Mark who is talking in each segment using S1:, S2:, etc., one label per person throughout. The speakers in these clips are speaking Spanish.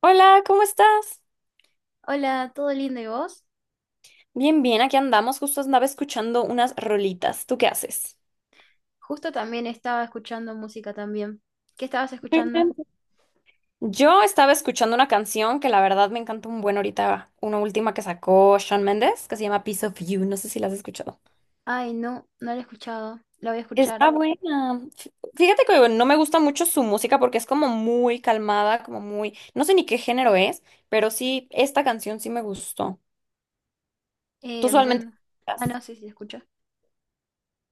S1: Hola, ¿cómo estás?
S2: Hola, ¿todo lindo y vos?
S1: Bien, bien, aquí andamos. Justo andaba escuchando unas rolitas. ¿Tú qué haces?
S2: Justo también estaba escuchando música también. ¿Qué estabas
S1: Bien,
S2: escuchando?
S1: bien. Yo estaba escuchando una canción que la verdad me encanta un buen ahorita, una última que sacó Shawn Mendes, que se llama Piece of You. No sé si la has escuchado.
S2: Ay, no, no lo he escuchado. Lo voy a escuchar.
S1: Está buena. Fíjate que no me gusta mucho su música porque es como muy calmada, como muy, no sé ni qué género es, pero sí, esta canción sí me gustó. ¿Tú
S2: Yo
S1: usualmente
S2: no-
S1: escuchas?
S2: No, sí, sí, escucho.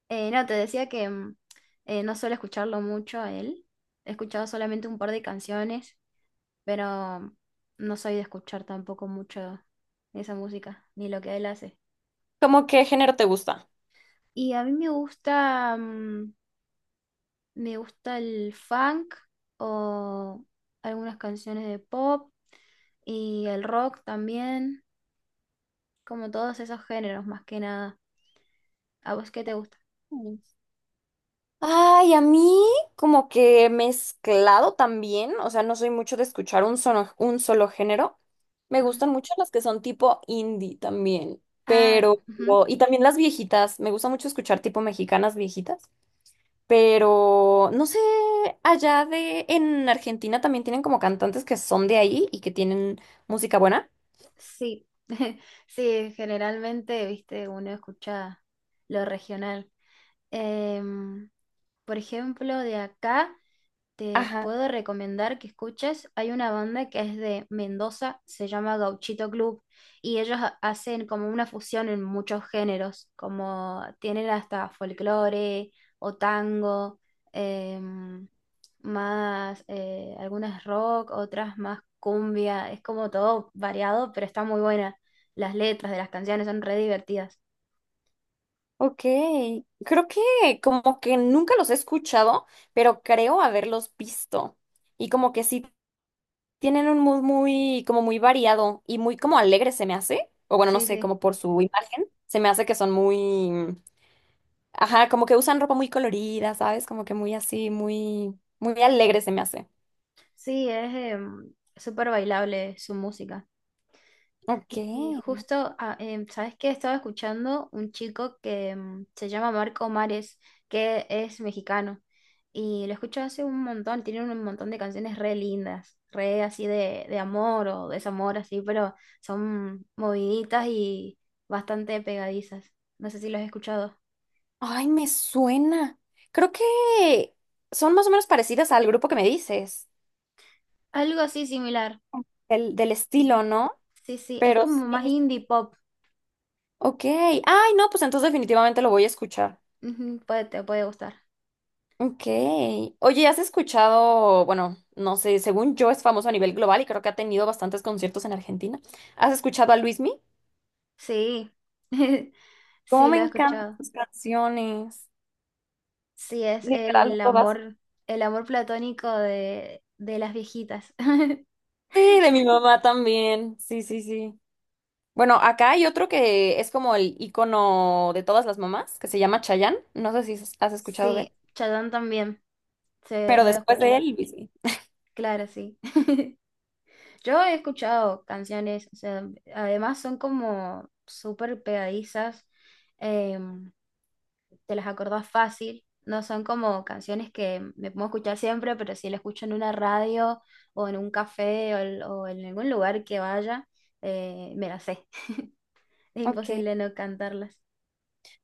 S2: No, te decía que no suelo escucharlo mucho a él. He escuchado solamente un par de canciones, pero no soy de escuchar tampoco mucho esa música, ni lo que él hace.
S1: ¿Cómo qué género te gusta?
S2: Y a mí me gusta, me gusta el funk o algunas canciones de pop y el rock también, como todos esos géneros más que nada. ¿A vos qué te gusta?
S1: Ay, a mí como que mezclado también, o sea, no soy mucho de escuchar un solo género. Me
S2: Ujú.
S1: gustan mucho las que son tipo indie también,
S2: Ah,
S1: pero
S2: ujú.
S1: y también las viejitas, me gusta mucho escuchar tipo mexicanas viejitas, pero no sé, allá de, en Argentina también tienen como cantantes que son de ahí y que tienen música buena.
S2: Sí, sí, generalmente, viste, uno escucha lo regional. Em, por ejemplo, de acá. Te
S1: Ajá,
S2: puedo recomendar que escuches. Hay una banda que es de Mendoza, se llama Gauchito Club, y hacen como una fusión en muchos géneros, como tienen hasta folclore o tango, em, más algunas rock, otras más cumbia. Es como todo variado, pero está muy buena. Las letras de las canciones son re divertidas.
S1: ok. Creo que como que nunca los he escuchado, pero creo haberlos visto. Y como que sí. Tienen un mood muy, como muy variado y muy como alegre se me hace, o bueno, no
S2: Sí,
S1: sé,
S2: sí.
S1: como por su imagen, se me hace que son muy, mm, ajá, como que usan ropa muy colorida, ¿sabes? Como que muy así, muy, muy alegre se me hace.
S2: Sí, es súper bailable su música.
S1: Ok.
S2: Y justo, ¿sabes qué? Estaba escuchando un chico que se llama Marco Mares, que es mexicano. Y lo escucho hace un montón, tiene un montón de canciones re lindas, re así de amor o desamor, así, pero son moviditas y bastante pegadizas. No sé si lo has escuchado.
S1: Ay, me suena. Creo que son más o menos parecidas al grupo que me dices,
S2: Algo así similar.
S1: del estilo,
S2: Ujú.
S1: ¿no?
S2: Sí, sí, es
S1: Pero
S2: como
S1: sí.
S2: más indie pop.
S1: Ok. Ay, no, pues entonces definitivamente lo voy a escuchar.
S2: Ujú, te puede gustar.
S1: Ok. Oye, ¿has escuchado, bueno, no sé, según yo es famoso a nivel global y creo que ha tenido bastantes conciertos en Argentina? ¿Has escuchado a Luismi?
S2: Sí,
S1: Cómo
S2: sí,
S1: me
S2: lo he
S1: encantan
S2: escuchado.
S1: sus canciones,
S2: Sí, es
S1: literal todas.
S2: el amor platónico de las viejitas.
S1: Sí, de mi mamá también. Sí, sí, sí. Bueno, acá hay otro que es como el icono de todas las mamás, que se llama Chayanne. No sé si has escuchado de
S2: Sí,
S1: él,
S2: Chadón también, se
S1: pero
S2: lo
S1: después de
S2: escucha.
S1: él, Luismi.
S2: Claro, sí. Yo he escuchado canciones, o sea, además son como súper pegadizas, eh, te las acordás fácil, no son como canciones que me puedo escuchar siempre, pero si la escucho en una radio o en un café o en algún lugar que vaya, me las sé. Es
S1: Ok.
S2: imposible no cantarlas.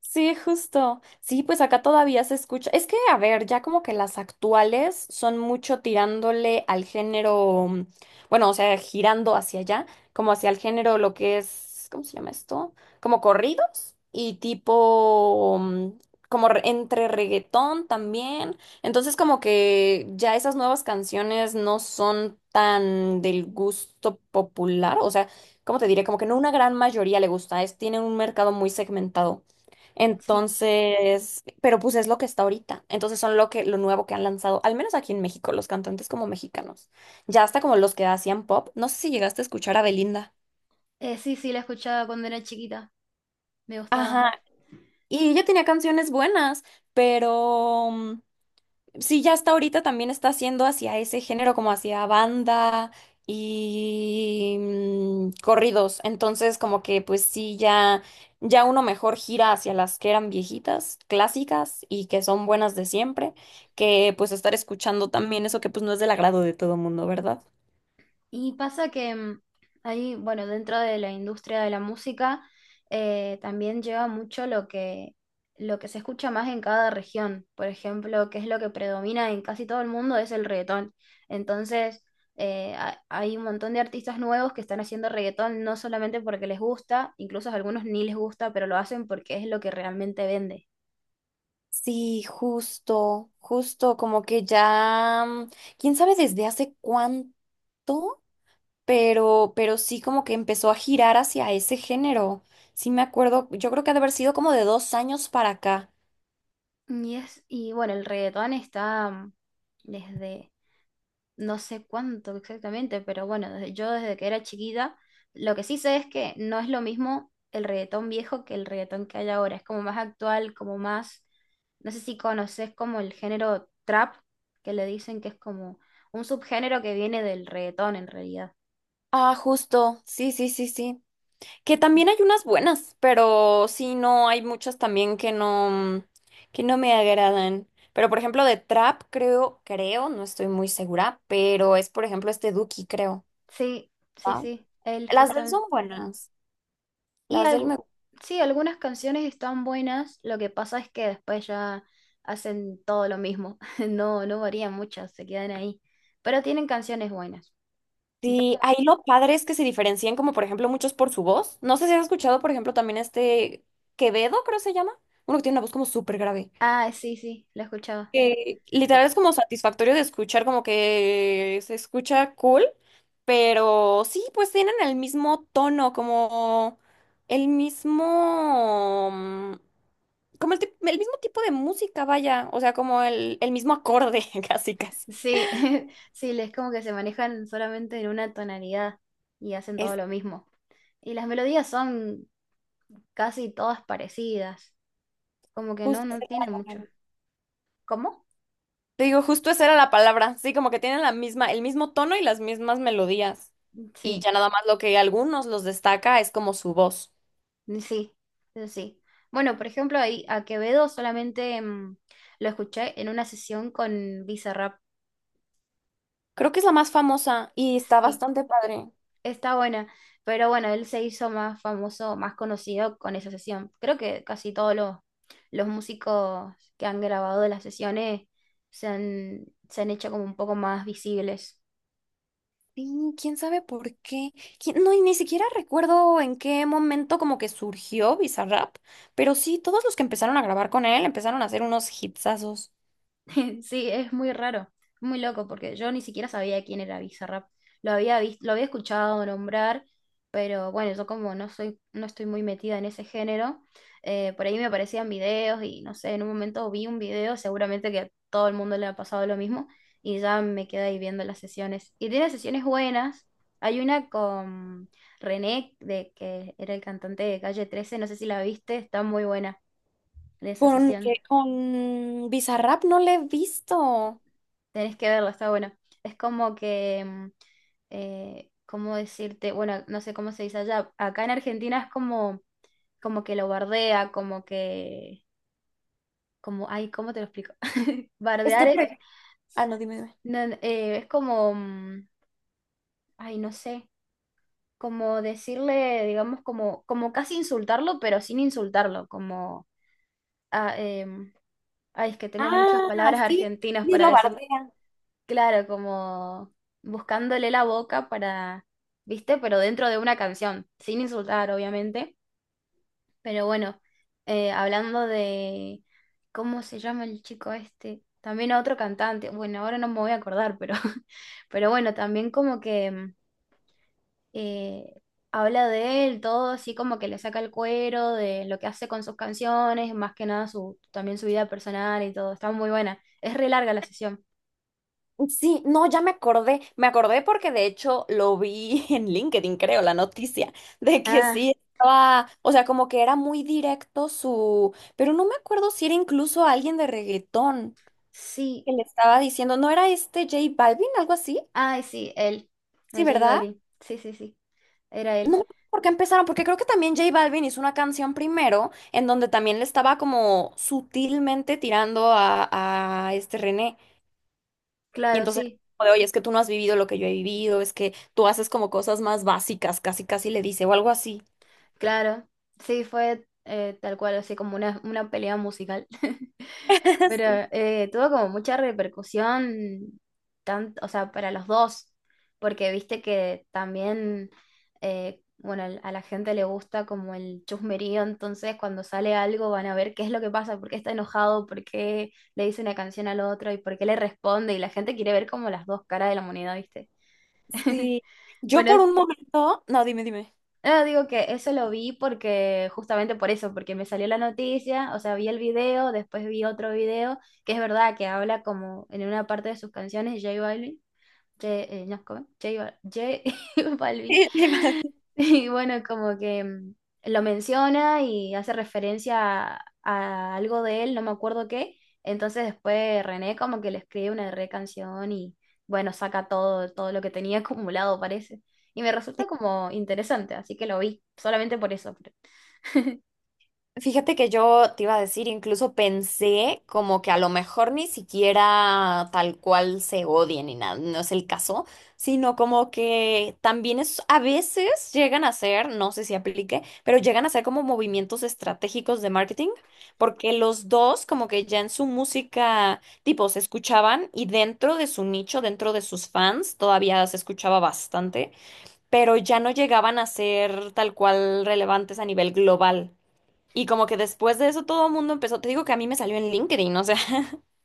S1: Sí, justo. Sí, pues acá todavía se escucha. Es que, a ver, ya como que las actuales son mucho tirándole al género, bueno, o sea, girando hacia allá, como hacia el género lo que es, ¿cómo se llama esto? Como corridos y tipo, como entre reggaetón también. Entonces, como que ya esas nuevas canciones no son tan del gusto popular, o sea, ¿cómo te diré? Como que no una gran mayoría le gusta, tienen un mercado muy segmentado.
S2: Sí.
S1: Entonces, pero pues es lo que está ahorita. Entonces son lo que, lo nuevo que han lanzado, al menos aquí en México, los cantantes como mexicanos. Ya hasta como los que hacían pop. No sé si llegaste a escuchar a Belinda.
S2: Sí, sí, la escuchaba cuando era chiquita, me gustaba.
S1: Ajá. Y ella tenía canciones buenas, pero sí, ya hasta ahorita también está haciendo hacia ese género, como hacia banda y corridos. Entonces, como que pues sí, ya uno mejor gira hacia las que eran viejitas, clásicas y que son buenas de siempre, que pues estar escuchando también eso que pues no es del agrado de todo mundo, ¿verdad?
S2: Y pasa que ahí, bueno, dentro de la industria de la música, también lleva mucho lo que se escucha más en cada región. Por ejemplo, que es lo que predomina en casi todo el mundo, es el reggaetón. Entonces, hay un montón de artistas nuevos que están haciendo reggaetón, no solamente porque les gusta, incluso a algunos ni les gusta, pero lo hacen porque es lo que realmente vende.
S1: Sí, justo, justo, como que ya, quién sabe desde hace cuánto. Pero, sí como que empezó a girar hacia ese género. Sí me acuerdo, yo creo que ha de haber sido como de 2 años para acá.
S2: Y es, y bueno, el reggaetón está desde no sé cuánto exactamente, pero bueno, yo desde que era chiquita, lo que sí sé es que no es lo mismo el reggaetón viejo que el reggaetón que hay ahora, es como más actual, como más, no sé si conoces como el género trap, que le dicen que es como un subgénero que viene del reggaetón en realidad.
S1: Ah, justo, sí, sí, sí, sí. Que también hay unas buenas, pero sí, no, hay muchas también que no me agradan. Pero por ejemplo de Trap, creo, creo, no estoy muy segura, pero es por ejemplo este Duki, creo.
S2: Sí, sí,
S1: ¿Ah?
S2: sí, él
S1: Las
S2: justo,
S1: de él son buenas,
S2: y
S1: las del me.
S2: algo, sí, algunas canciones están buenas, lo que pasa es que después ya hacen todo lo mismo, no, no varían mucho, se quedan ahí, pero tienen canciones buenas. Yo-
S1: Sí, ahí lo padre es que se diferencian como por ejemplo muchos por su voz. No sé si has escuchado por ejemplo también este Quevedo, creo se llama. Uno que tiene una voz como súper grave.
S2: Ah, sí, sí, la escuchaba.
S1: Que
S2: U-
S1: literal es como satisfactorio de escuchar, como que se escucha cool, pero sí, pues tienen el mismo tono, como el mismo, como el mismo tipo de música, vaya. O sea, como el mismo acorde, casi casi.
S2: Sí, sí, es como que se manejan solamente en una tonalidad y hacen
S1: Es
S2: todo lo mismo. Y las melodías son casi todas parecidas, como que no,
S1: justo.
S2: no
S1: Esa era
S2: tienen
S1: la
S2: mucho.
S1: palabra.
S2: ¿Cómo?
S1: Te digo, justo esa era la palabra, sí, como que tienen el mismo tono y las mismas melodías. Y
S2: Sí.
S1: ya nada más lo que a algunos los destaca es como su voz.
S2: Sí, eso sí. Bueno, por ejemplo, ahí a Quevedo solamente lo escuché en una sesión con Bizarrap.
S1: Creo que es la más famosa y está
S2: Sí,
S1: bastante padre.
S2: está buena. Pero bueno, él se hizo más famoso, más conocido con esa sesión. Creo que casi todos los músicos que han grabado las sesiones se han hecho como un poco más visibles.
S1: Sí, quién sabe por qué. No, y ni siquiera recuerdo en qué momento como que surgió Bizarrap, pero sí, todos los que empezaron a grabar con él empezaron a hacer unos hitsazos.
S2: Sí, es muy raro, muy loco, porque yo ni siquiera sabía quién era Bizarrap. Lo había visto, lo había escuchado nombrar, pero bueno, yo como no soy, no estoy muy metida en ese género, por ahí me aparecían videos y no sé, en un momento vi un video, seguramente que a todo el mundo le ha pasado lo mismo, y ya me quedé ahí viendo las sesiones. Y tiene sesiones buenas. Hay una con René, de que era el cantante de Calle 13, no sé si la viste, está muy buena de esa
S1: Con,
S2: sesión.
S1: que- con Bizarrap no le he visto.
S2: Tenés que verlo, está bueno. Es como que, ¿cómo decirte? Bueno, no sé cómo se dice allá. Acá en Argentina es como, como que lo bardea, como que, como, ay, ¿cómo te lo explico? Bardear es,
S1: Ah, no, dime, dime.
S2: no, no, es como, ay, no sé, como decirle, digamos, como, como casi insultarlo, pero sin insultarlo, como, ah, em, ay, es que tengo muchas
S1: Ah,
S2: palabras
S1: sí,
S2: argentinas
S1: sí,
S2: para
S1: lo
S2: decir.
S1: bardean.
S2: Claro, como buscándole la boca para, ¿viste? Pero dentro de una canción, sin insultar, obviamente. Pero bueno, hablando de, ¿cómo se llama el chico este? También otro cantante, bueno, ahora no me voy a acordar, pero, pero bueno, también como que eh, habla de él, todo así como que le saca el cuero de lo que hace con sus canciones, más que nada su, también su vida personal y todo, está muy buena. Es re larga la sesión.
S1: Sí, no, ya me acordé porque de hecho lo vi en LinkedIn, creo, la noticia, de que
S2: Ah,
S1: sí estaba, o sea, como que era muy directo su, pero no me acuerdo si era incluso alguien de reggaetón
S2: sí.
S1: que le estaba diciendo, ¿no era este J Balvin, algo así?
S2: Ay, sí, él. No,
S1: Sí,
S2: J
S1: ¿verdad?
S2: Balvin. Sí, sí, sí. Era él.
S1: No, porque empezaron, porque creo que también J Balvin hizo una canción primero en donde también le estaba como sutilmente tirando a este René. Y
S2: Claro,
S1: entonces,
S2: sí.
S1: como de, oye, es que tú no has vivido lo que yo he vivido, es que tú haces como cosas más básicas, casi casi le dice, o algo así.
S2: Claro. Sí, fue tal cual, así como una pelea musical. Pero
S1: Sí.
S2: tuvo como mucha repercusión, tanto, o sea, para los dos. Porque viste que también, bueno, a la gente le gusta como el chusmerío. Entonces, cuando sale algo, van a ver qué es lo que pasa, por qué está enojado, por qué le dice una canción al otro y por qué le responde. Y la gente quiere ver como las dos caras de la moneda, ¿viste?
S1: Sí. Yo
S2: Bueno,
S1: por
S2: es-
S1: un momento, no, dime, dime.
S2: no, digo que eso lo vi porque, justamente por eso, porque me salió la noticia, o sea, vi el video, después vi otro video, que es verdad que habla como en una parte de sus canciones, J Balvin, no, ¿cómo es? J Balvin. Y bueno, como que lo menciona y hace referencia a algo de él, no me acuerdo qué. Entonces después René como que le escribe una re canción y bueno, saca todo, todo lo que tenía acumulado, parece. Y me resulta como interesante, así que lo vi, solamente por eso.
S1: Fíjate que yo te iba a decir, incluso pensé como que a lo mejor ni siquiera tal cual se odien ni nada, no es el caso, sino como que también es, a veces llegan a ser, no sé si aplique, pero llegan a ser como movimientos estratégicos de marketing, porque los dos como que ya en su música, tipo, se escuchaban y dentro de su nicho, dentro de sus fans, todavía se escuchaba bastante, pero ya no llegaban a ser tal cual relevantes a nivel global. Y como que después de eso todo el mundo empezó, te digo que a mí me salió en LinkedIn, o sea,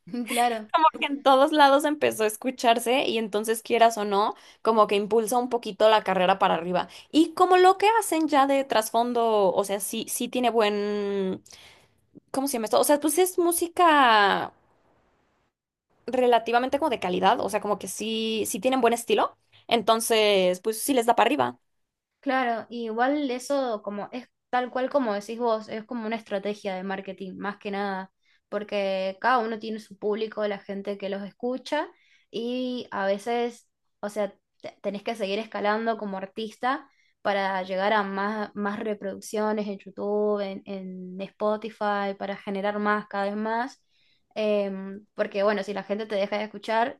S2: Claro.
S1: porque en todos lados empezó a escucharse y entonces quieras o no, como que impulsa un poquito la carrera para arriba. Y como lo que hacen ya de trasfondo, o sea, sí, sí tiene buen, ¿cómo se llama esto? O sea, pues es música relativamente como de calidad, o sea, como que sí, sí tienen buen estilo, entonces pues sí les da para arriba.
S2: Claro, y igual eso como es tal cual como decís vos, es como una estrategia de marketing, más que nada, porque cada uno tiene su público, la gente que los escucha, y a veces, o sea, tenés que seguir escalando como artista para llegar a más, más reproducciones en YouTube, en Spotify, para generar más, cada vez más. Porque bueno, si la gente te deja de escuchar,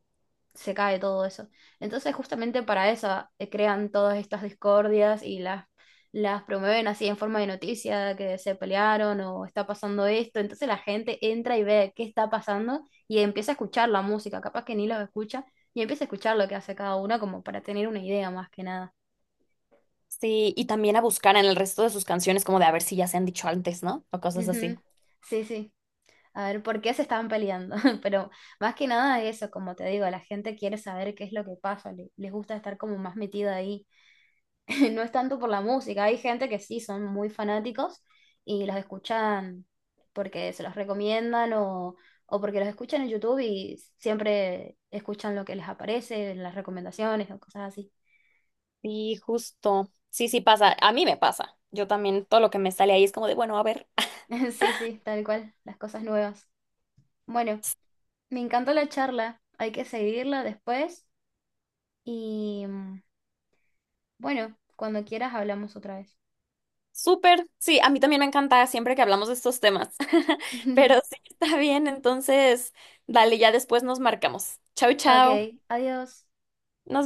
S2: se cae todo eso. Entonces, justamente para eso crean todas estas discordias y las promueven así en forma de noticia, que se pelearon o está pasando esto. Entonces la gente entra y ve qué está pasando y empieza a escuchar la música, capaz que ni los escucha, y empieza a escuchar lo que hace cada uno como para tener una idea más que nada.
S1: Sí, y también a buscar en el resto de sus canciones como de a ver si ya se han dicho antes, ¿no? O cosas
S2: Ujú.
S1: así.
S2: Sí, sí. A ver, ¿por qué se estaban peleando? Pero más que nada eso, como te digo, la gente quiere saber qué es lo que pasa, les gusta estar como más metida ahí. No es tanto por la música. Hay gente que sí son muy fanáticos y los escuchan porque se los recomiendan o porque los escuchan en YouTube y siempre escuchan lo que les aparece, las recomendaciones o cosas así.
S1: Sí, justo. Sí, sí pasa. A mí me pasa. Yo también, todo lo que me sale ahí es como de, bueno, a ver.
S2: Sí, sí, tal cual, las cosas nuevas. Bueno, me encantó la charla. Hay que seguirla después y bueno, cuando quieras hablamos otra vez.
S1: Súper. Sí, a mí también me encanta siempre que hablamos de estos temas. Pero sí, está bien. Entonces, dale, ya después nos marcamos. Chau, chau.
S2: Ok, adiós.
S1: Nos vemos.